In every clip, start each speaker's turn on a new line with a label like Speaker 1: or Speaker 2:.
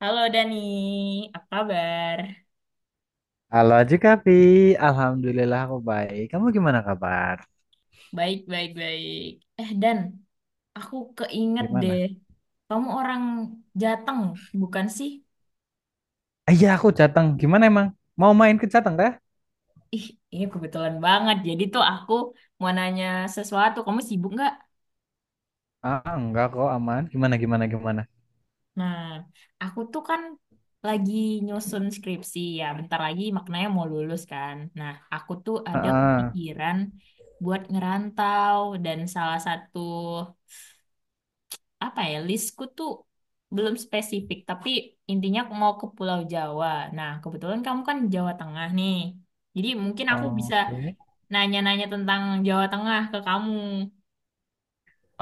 Speaker 1: Halo Dani, apa kabar?
Speaker 2: Halo Jikapi, Alhamdulillah aku baik. Kamu gimana kabar?
Speaker 1: Baik, baik, baik. Eh Dan, aku keinget deh,
Speaker 2: Gimana?
Speaker 1: kamu orang Jateng, bukan sih?
Speaker 2: Ah, iya aku Jateng. Gimana emang? Mau main ke Jateng teh?
Speaker 1: Ih, ini kebetulan banget. Jadi tuh aku mau nanya sesuatu, kamu sibuk nggak?
Speaker 2: Ah enggak kok aman. Gimana gimana gimana?
Speaker 1: Nah, aku tuh kan lagi nyusun skripsi ya, bentar lagi maknanya mau lulus kan. Nah, aku tuh ada
Speaker 2: Heeh.
Speaker 1: kepikiran buat ngerantau dan salah satu apa ya listku tuh belum spesifik tapi intinya aku mau ke Pulau Jawa. Nah kebetulan kamu kan Jawa Tengah nih, jadi mungkin aku bisa
Speaker 2: Oke.
Speaker 1: nanya-nanya tentang Jawa Tengah ke kamu.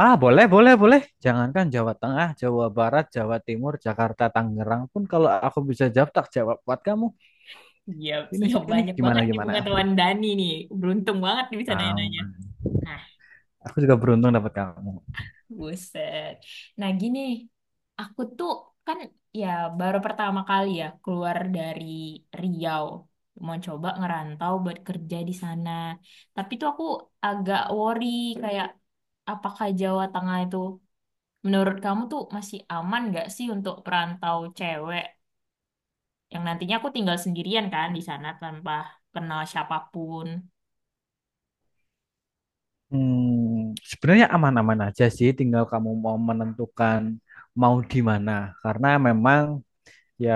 Speaker 2: Ah boleh boleh boleh. Jangankan Jawa Tengah, Jawa Barat, Jawa Timur, Jakarta, Tangerang pun kalau aku bisa jawab tak jawab buat kamu.
Speaker 1: Ya
Speaker 2: Ini
Speaker 1: siap
Speaker 2: sini
Speaker 1: banyak
Speaker 2: gimana
Speaker 1: banget nih
Speaker 2: gimana?
Speaker 1: pengetahuan Dani nih, beruntung banget nih bisa nanya-nanya.
Speaker 2: Aman.
Speaker 1: Nah.
Speaker 2: Aku juga beruntung dapat kamu.
Speaker 1: Buset. Nah gini, aku tuh kan ya baru pertama kali ya keluar dari Riau. Mau coba ngerantau buat kerja di sana. Tapi tuh aku agak worry kayak apakah Jawa Tengah itu menurut kamu tuh masih aman nggak sih untuk perantau cewek yang nantinya aku tinggal sendirian kan di sana tanpa kenal siapapun.
Speaker 2: Hmm, sebenarnya aman-aman aja sih, tinggal kamu mau menentukan mau di mana. Karena memang ya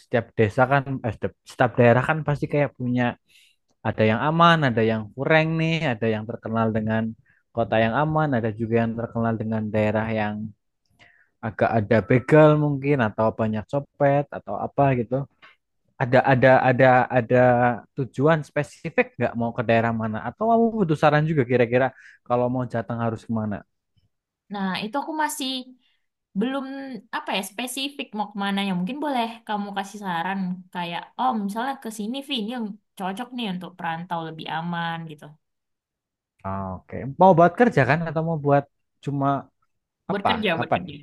Speaker 2: setiap desa kan, eh, setiap daerah kan pasti kayak punya ada yang aman, ada yang kurang nih, ada yang terkenal dengan kota yang aman, ada juga yang terkenal dengan daerah yang agak ada begal mungkin atau banyak copet atau apa gitu. Ada ada ada ada tujuan spesifik nggak mau ke daerah mana? Atau kamu butuh saran juga kira-kira kalau mau Jateng harus kemana?
Speaker 1: Nah, itu aku masih belum apa ya spesifik mau kemana ya. Mungkin boleh kamu kasih saran kayak, oh misalnya ke sini, Vi, ini yang cocok nih untuk perantau lebih aman gitu.
Speaker 2: Ah, oke, mau buat kerja kan atau mau buat cuma
Speaker 1: Buat
Speaker 2: apa?
Speaker 1: kerja, buat
Speaker 2: Apa nih?
Speaker 1: kerja.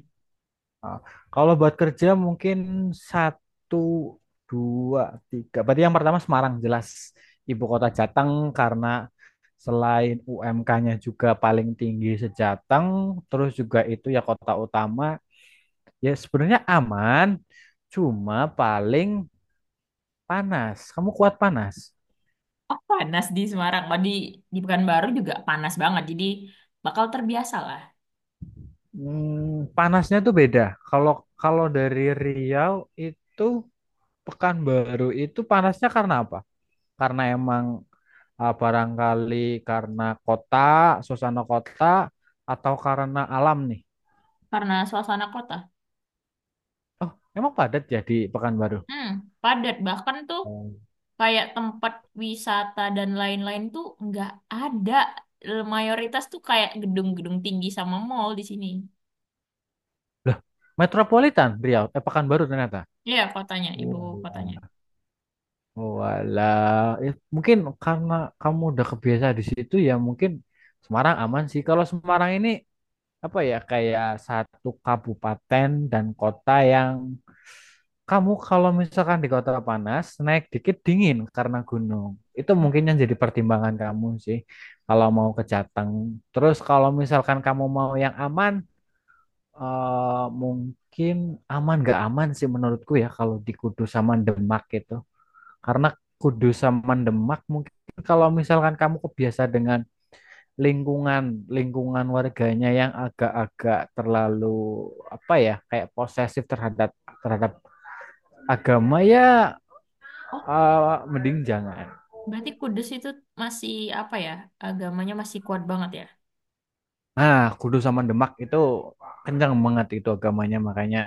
Speaker 2: Ah, kalau buat kerja mungkin satu, dua, tiga. Berarti yang pertama Semarang jelas ibu kota Jateng karena selain UMK-nya juga paling tinggi sejateng, terus juga itu ya kota utama. Ya sebenarnya aman, cuma paling panas. Kamu kuat panas?
Speaker 1: Oh, panas di Semarang. Oh, di Pekanbaru juga panas banget. Jadi bakal terbiasa lah
Speaker 2: Hmm, panasnya tuh beda. Kalau kalau dari Riau itu Pekanbaru itu panasnya karena apa? Karena emang ah, barangkali karena kota, suasana kota, atau karena alam nih.
Speaker 1: karena suasana kota.
Speaker 2: Oh, emang padat ya di Pekanbaru?
Speaker 1: Hmm, Padat. Bahkan tuh
Speaker 2: Oh,
Speaker 1: kayak tempat wisata dan lain-lain tuh nggak ada. Mayoritas tuh kayak gedung-gedung tinggi sama mall di sini.
Speaker 2: loh, metropolitan Riau, eh Pekanbaru ternyata.
Speaker 1: Iya, ibu
Speaker 2: Oh, iya.
Speaker 1: kotanya.
Speaker 2: Walah, eh, mungkin karena kamu udah kebiasa di situ ya mungkin Semarang aman sih. Kalau Semarang ini apa ya kayak satu kabupaten dan kota yang kamu kalau misalkan di kota panas naik dikit dingin karena gunung itu mungkin yang jadi pertimbangan kamu sih kalau mau ke Jateng terus kalau misalkan kamu mau yang aman eh, mungkin aman gak aman sih menurutku ya kalau di Kudus sama Demak itu karena Kudus sama Demak mungkin kalau misalkan kamu kebiasa dengan lingkungan lingkungan warganya yang agak-agak terlalu apa ya kayak posesif terhadap terhadap agama ya
Speaker 1: Oh,
Speaker 2: eh, mending jangan.
Speaker 1: berarti Kudus itu masih apa ya? Agamanya masih kuat banget ya.
Speaker 2: Nah, Kudus sama Demak itu kencang banget itu agamanya makanya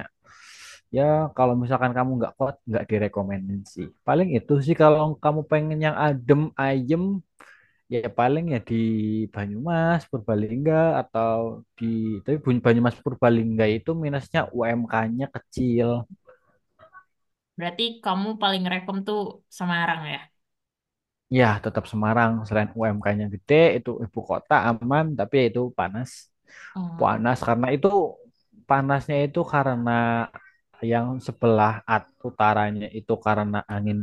Speaker 2: ya kalau misalkan kamu nggak kuat nggak direkomendasi. Paling itu sih kalau kamu pengen yang adem ayem ya paling ya di Banyumas Purbalingga atau di tapi Banyumas Purbalingga itu minusnya UMK-nya kecil.
Speaker 1: Berarti kamu paling rekom tuh Semarang ya.
Speaker 2: Ya, tetap Semarang. Selain UMK-nya gede, itu ibu kota aman, tapi ya itu panas.
Speaker 1: Oh, oke.
Speaker 2: Panas karena itu panasnya itu karena yang sebelah utaranya itu karena angin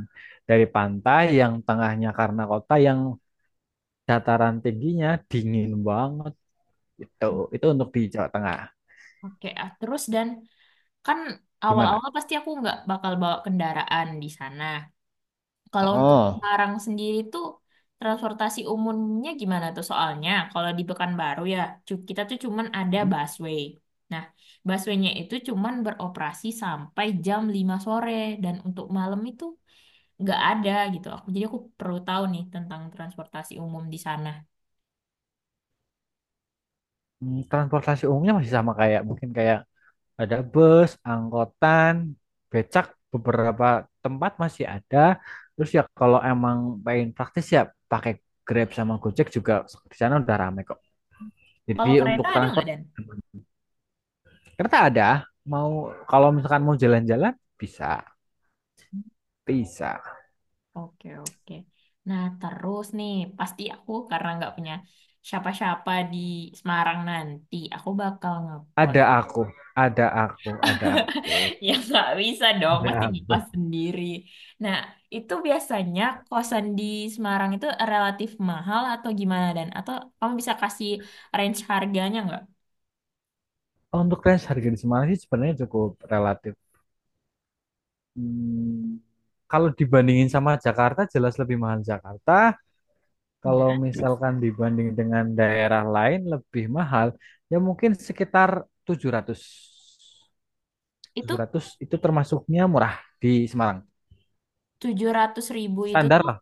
Speaker 2: dari pantai, yang tengahnya karena kota, yang dataran tingginya dingin banget. Itu itu untuk di Jawa Tengah.
Speaker 1: Oke, ah, terus Dan, kan
Speaker 2: Gimana?
Speaker 1: awal-awal pasti aku nggak bakal bawa kendaraan di sana. Kalau untuk
Speaker 2: Oh,
Speaker 1: Semarang sendiri tuh transportasi umumnya gimana tuh? Soalnya kalau di Pekanbaru ya, kita tuh cuman ada busway. Nah, busway-nya itu cuman beroperasi sampai jam 5 sore dan untuk malam itu nggak ada gitu. Jadi aku perlu tahu nih tentang transportasi umum di sana.
Speaker 2: mm, transportasi umumnya masih sama kayak mungkin kayak ada bus, angkotan, becak beberapa tempat masih ada. Terus ya kalau emang pengen praktis ya pakai Grab sama Gojek juga di sana udah rame kok. Jadi
Speaker 1: Kalau kereta
Speaker 2: untuk
Speaker 1: ada nggak
Speaker 2: transport
Speaker 1: Dan?
Speaker 2: kereta ada. Mau kalau misalkan mau jalan-jalan bisa, bisa.
Speaker 1: Oke oke. Nah terus nih pasti aku karena nggak punya siapa-siapa di Semarang nanti, aku bakal ngekos.
Speaker 2: Ada aku, ada aku, ada aku,
Speaker 1: Ya nggak bisa dong, pasti
Speaker 2: ada
Speaker 1: ngekos
Speaker 2: aku.
Speaker 1: sendiri. Nah itu biasanya kosan di Semarang itu relatif mahal atau gimana Dan? Atau kamu bisa kasih range harganya nggak?
Speaker 2: Untuk range harga di Semarang sih sebenarnya cukup relatif. Hmm, kalau dibandingin sama Jakarta jelas lebih mahal Jakarta.
Speaker 1: Ya,
Speaker 2: Kalau
Speaker 1: terus
Speaker 2: misalkan dibanding dengan daerah lain lebih mahal, ya mungkin sekitar tujuh ratus
Speaker 1: itu
Speaker 2: tujuh ratus itu termasuknya murah di Semarang.
Speaker 1: 700.000 itu
Speaker 2: Standar
Speaker 1: tuh
Speaker 2: lah,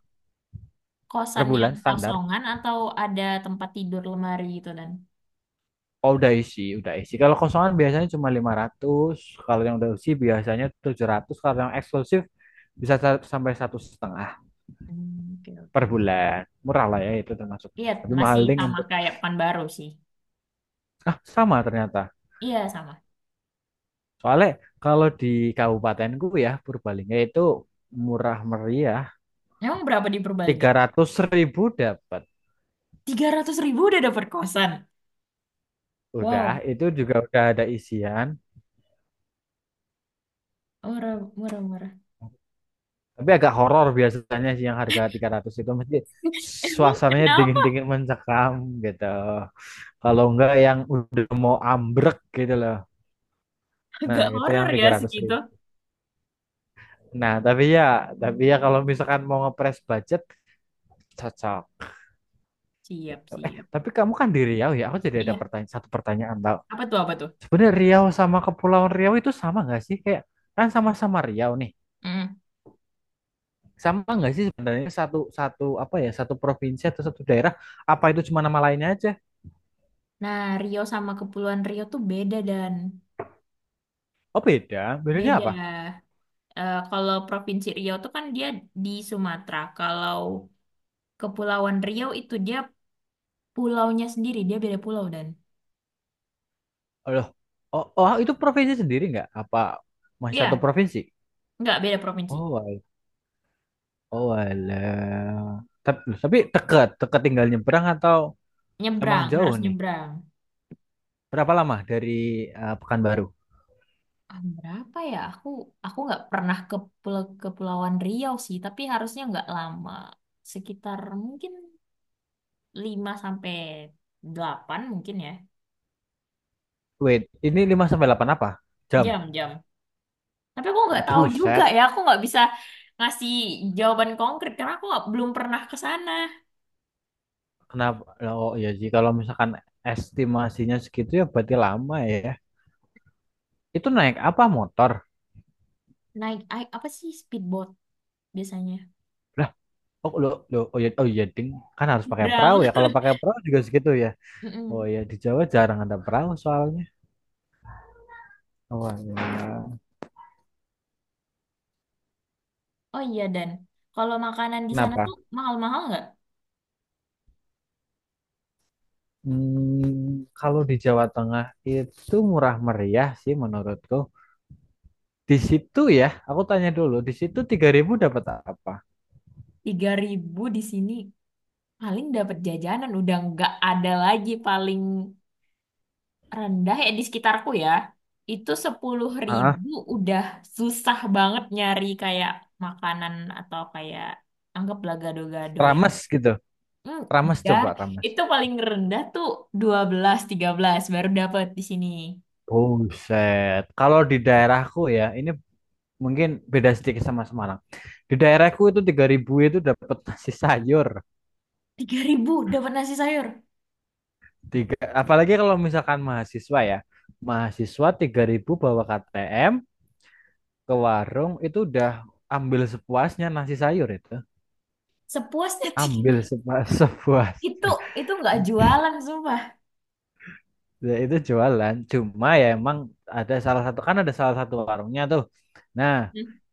Speaker 2: per
Speaker 1: kosan yang
Speaker 2: bulan standar.
Speaker 1: kosongan atau ada tempat tidur lemari gitu, Dan?
Speaker 2: Oh, udah isi, udah isi. Kalau kosongan biasanya cuma 500 kalau yang udah isi biasanya 700 kalau yang eksklusif bisa sampai 1,5 juta
Speaker 1: Hmm, oke
Speaker 2: per
Speaker 1: oke.
Speaker 2: bulan. Murah lah ya itu termasuknya.
Speaker 1: Iya
Speaker 2: Tapi mahal
Speaker 1: masih
Speaker 2: ding
Speaker 1: sama
Speaker 2: untuk
Speaker 1: kayak Pekan Baru sih.
Speaker 2: ah sama ternyata.
Speaker 1: Iya sama.
Speaker 2: Soalnya kalau di kabupatenku ya Purbalingga itu murah meriah.
Speaker 1: Emang berapa di Purbalingga?
Speaker 2: 300.000 dapat.
Speaker 1: 300.000 udah dapet kosan.
Speaker 2: Udah,
Speaker 1: Wow,
Speaker 2: itu juga udah ada isian.
Speaker 1: murah murah murah.
Speaker 2: Tapi agak horor biasanya sih yang harga 300 itu mesti
Speaker 1: Emang
Speaker 2: suasananya
Speaker 1: kenapa
Speaker 2: dingin-dingin mencekam gitu. Kalau enggak yang udah mau ambrek gitu loh. Nah,
Speaker 1: agak
Speaker 2: itu yang
Speaker 1: horor ya
Speaker 2: tiga ratus
Speaker 1: segitu?
Speaker 2: ribu. Nah, tapi ya, kalau misalkan mau ngepres budget cocok
Speaker 1: Siap
Speaker 2: gitu. Eh,
Speaker 1: siap.
Speaker 2: tapi kamu kan di Riau ya. Aku jadi ada
Speaker 1: Iya.
Speaker 2: pertanyaan satu pertanyaan tau.
Speaker 1: Apa tuh apa tuh?
Speaker 2: Sebenarnya Riau sama Kepulauan Riau itu sama nggak sih? Kayak kan sama-sama Riau nih.
Speaker 1: Mm.
Speaker 2: Sama nggak sih sebenarnya satu satu apa ya satu provinsi atau satu daerah apa itu cuma nama lainnya aja.
Speaker 1: Nah, Rio sama Kepulauan Rio tuh beda, Dan.
Speaker 2: Oh beda, bedanya apa?
Speaker 1: Beda. Eh, kalau Provinsi Riau tuh kan dia di Sumatera. Kalau Kepulauan Riau itu dia pulaunya sendiri, dia beda pulau, Dan.
Speaker 2: Oh loh. Oh, oh ah, itu provinsi sendiri nggak apa masih satu
Speaker 1: Iya,
Speaker 2: provinsi?
Speaker 1: nggak beda provinsi.
Speaker 2: oh al- oh alah tapi, dekat dekat tinggal nyebrang atau emang
Speaker 1: Nyebrang,
Speaker 2: jauh
Speaker 1: harus
Speaker 2: nih
Speaker 1: nyebrang.
Speaker 2: berapa lama dari eh, Pekanbaru?
Speaker 1: Ah, berapa ya? Aku nggak pernah ke pulau Kepulauan Riau sih, tapi harusnya nggak lama. Sekitar mungkin 5 sampai 8 mungkin ya.
Speaker 2: Wait, ini 5 sampai 8 apa jam?
Speaker 1: Jam-jam. Tapi aku nggak tahu juga
Speaker 2: Buset.
Speaker 1: ya, aku nggak bisa ngasih jawaban konkret karena aku nggak- belum pernah ke sana.
Speaker 2: Kenapa? Oh iya sih kalau misalkan estimasinya segitu ya berarti lama ya itu naik apa motor?
Speaker 1: Naik, apa sih speedboat biasanya?
Speaker 2: Oh, lo, lo, oh ya, oh ya ding, kan harus pakai
Speaker 1: Nyebrang.
Speaker 2: perahu ya. Kalau pakai perahu juga segitu ya. Oh
Speaker 1: Mm-mm.
Speaker 2: ya, di Jawa jarang ada perahu soalnya. Oh ya.
Speaker 1: Oh iya Dan, kalau makanan di sana
Speaker 2: Kenapa?
Speaker 1: tuh mahal-mahal nggak?
Speaker 2: Hmm, kalau di Jawa Tengah itu murah meriah sih menurutku. Di situ ya, aku tanya dulu, di situ 3.000 dapat apa?
Speaker 1: 3.000 di sini paling dapat jajanan, udah nggak ada lagi paling rendah ya di sekitarku ya. Itu sepuluh
Speaker 2: Ah,
Speaker 1: ribu udah susah banget nyari kayak makanan atau kayak anggaplah gado-gado yang
Speaker 2: rames gitu.
Speaker 1: hmm,
Speaker 2: Rames
Speaker 1: dar
Speaker 2: coba rames.
Speaker 1: itu paling rendah tuh 12 13 baru dapat di sini.
Speaker 2: Buset. Kalau di daerahku ya, ini mungkin beda sedikit sama Semarang. Di daerahku itu 3.000 itu dapat nasi sayur.
Speaker 1: 3.000 dapat nasi sayur.
Speaker 2: Tiga, apalagi kalau misalkan mahasiswa ya. Mahasiswa 3.000 bawa KTM ke warung itu udah ambil sepuasnya nasi sayur itu.
Speaker 1: Sepuasnya
Speaker 2: Ambil sepuas
Speaker 1: itu
Speaker 2: sepuasnya.
Speaker 1: itu nggak jualan sumpah.
Speaker 2: Ya, itu jualan. Cuma ya emang ada salah satu kan ada salah satu warungnya tuh. Nah,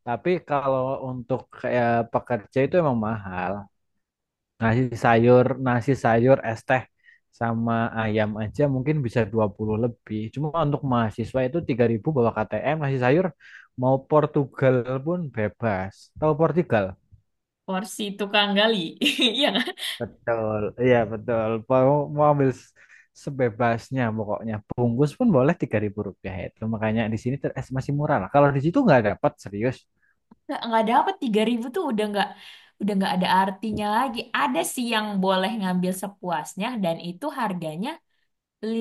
Speaker 2: tapi kalau untuk kayak pekerja itu emang mahal. Nasi sayur, es teh sama ayam aja mungkin bisa 20 lebih. Cuma untuk mahasiswa itu 3.000 bawa KTM, nasi sayur mau Portugal pun bebas. Tahu Portugal?
Speaker 1: Porsi tukang gali. Iya nggak?
Speaker 2: Betul. Iya, betul. Mau, mau ambil sebebasnya pokoknya. Bungkus pun boleh Rp3.000 itu. Makanya di sini es masih murah lah. Kalau di situ nggak dapat serius.
Speaker 1: Nggak dapet 3.000 tuh udah nggak ada artinya lagi. Ada sih yang boleh ngambil sepuasnya dan itu harganya li,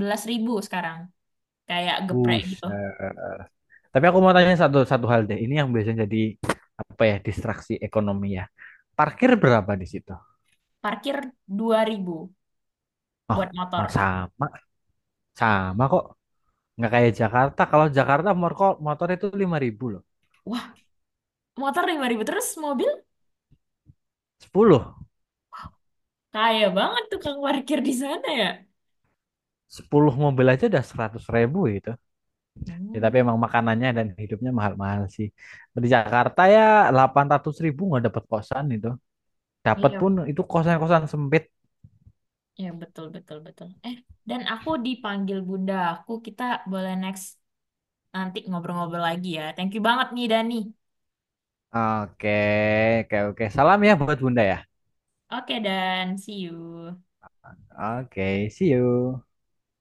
Speaker 1: belas ribu sekarang. Kayak geprek gitu.
Speaker 2: Buset. Tapi aku mau tanya satu satu hal deh. Ini yang biasanya jadi apa ya distraksi ekonomi ya. Parkir berapa di situ?
Speaker 1: Parkir 2.000
Speaker 2: Oh,
Speaker 1: buat motor.
Speaker 2: ma- sama sama kok. Nggak kayak Jakarta. Kalau Jakarta motor motor itu 5.000 loh.
Speaker 1: Wah, motor 5.000 terus mobil
Speaker 2: Sepuluh.
Speaker 1: kaya banget tukang parkir di sana ya.
Speaker 2: Sepuluh mobil aja udah 100.000 gitu. Ya tapi
Speaker 1: Hmm,
Speaker 2: emang makanannya dan hidupnya mahal-mahal sih. Di Jakarta ya 800.000 nggak dapat kosan itu. Dapat
Speaker 1: iya,
Speaker 2: pun itu kosan-kosan sempit.
Speaker 1: iya betul betul betul. Eh, Dan, aku dipanggil bunda aku. Kita boleh next nanti ngobrol-ngobrol lagi ya. Thank you banget nih Dani.
Speaker 2: Oke, oke, oke. Salam ya buat Bunda ya.
Speaker 1: Oke, Dan, see you.
Speaker 2: Oke, see you.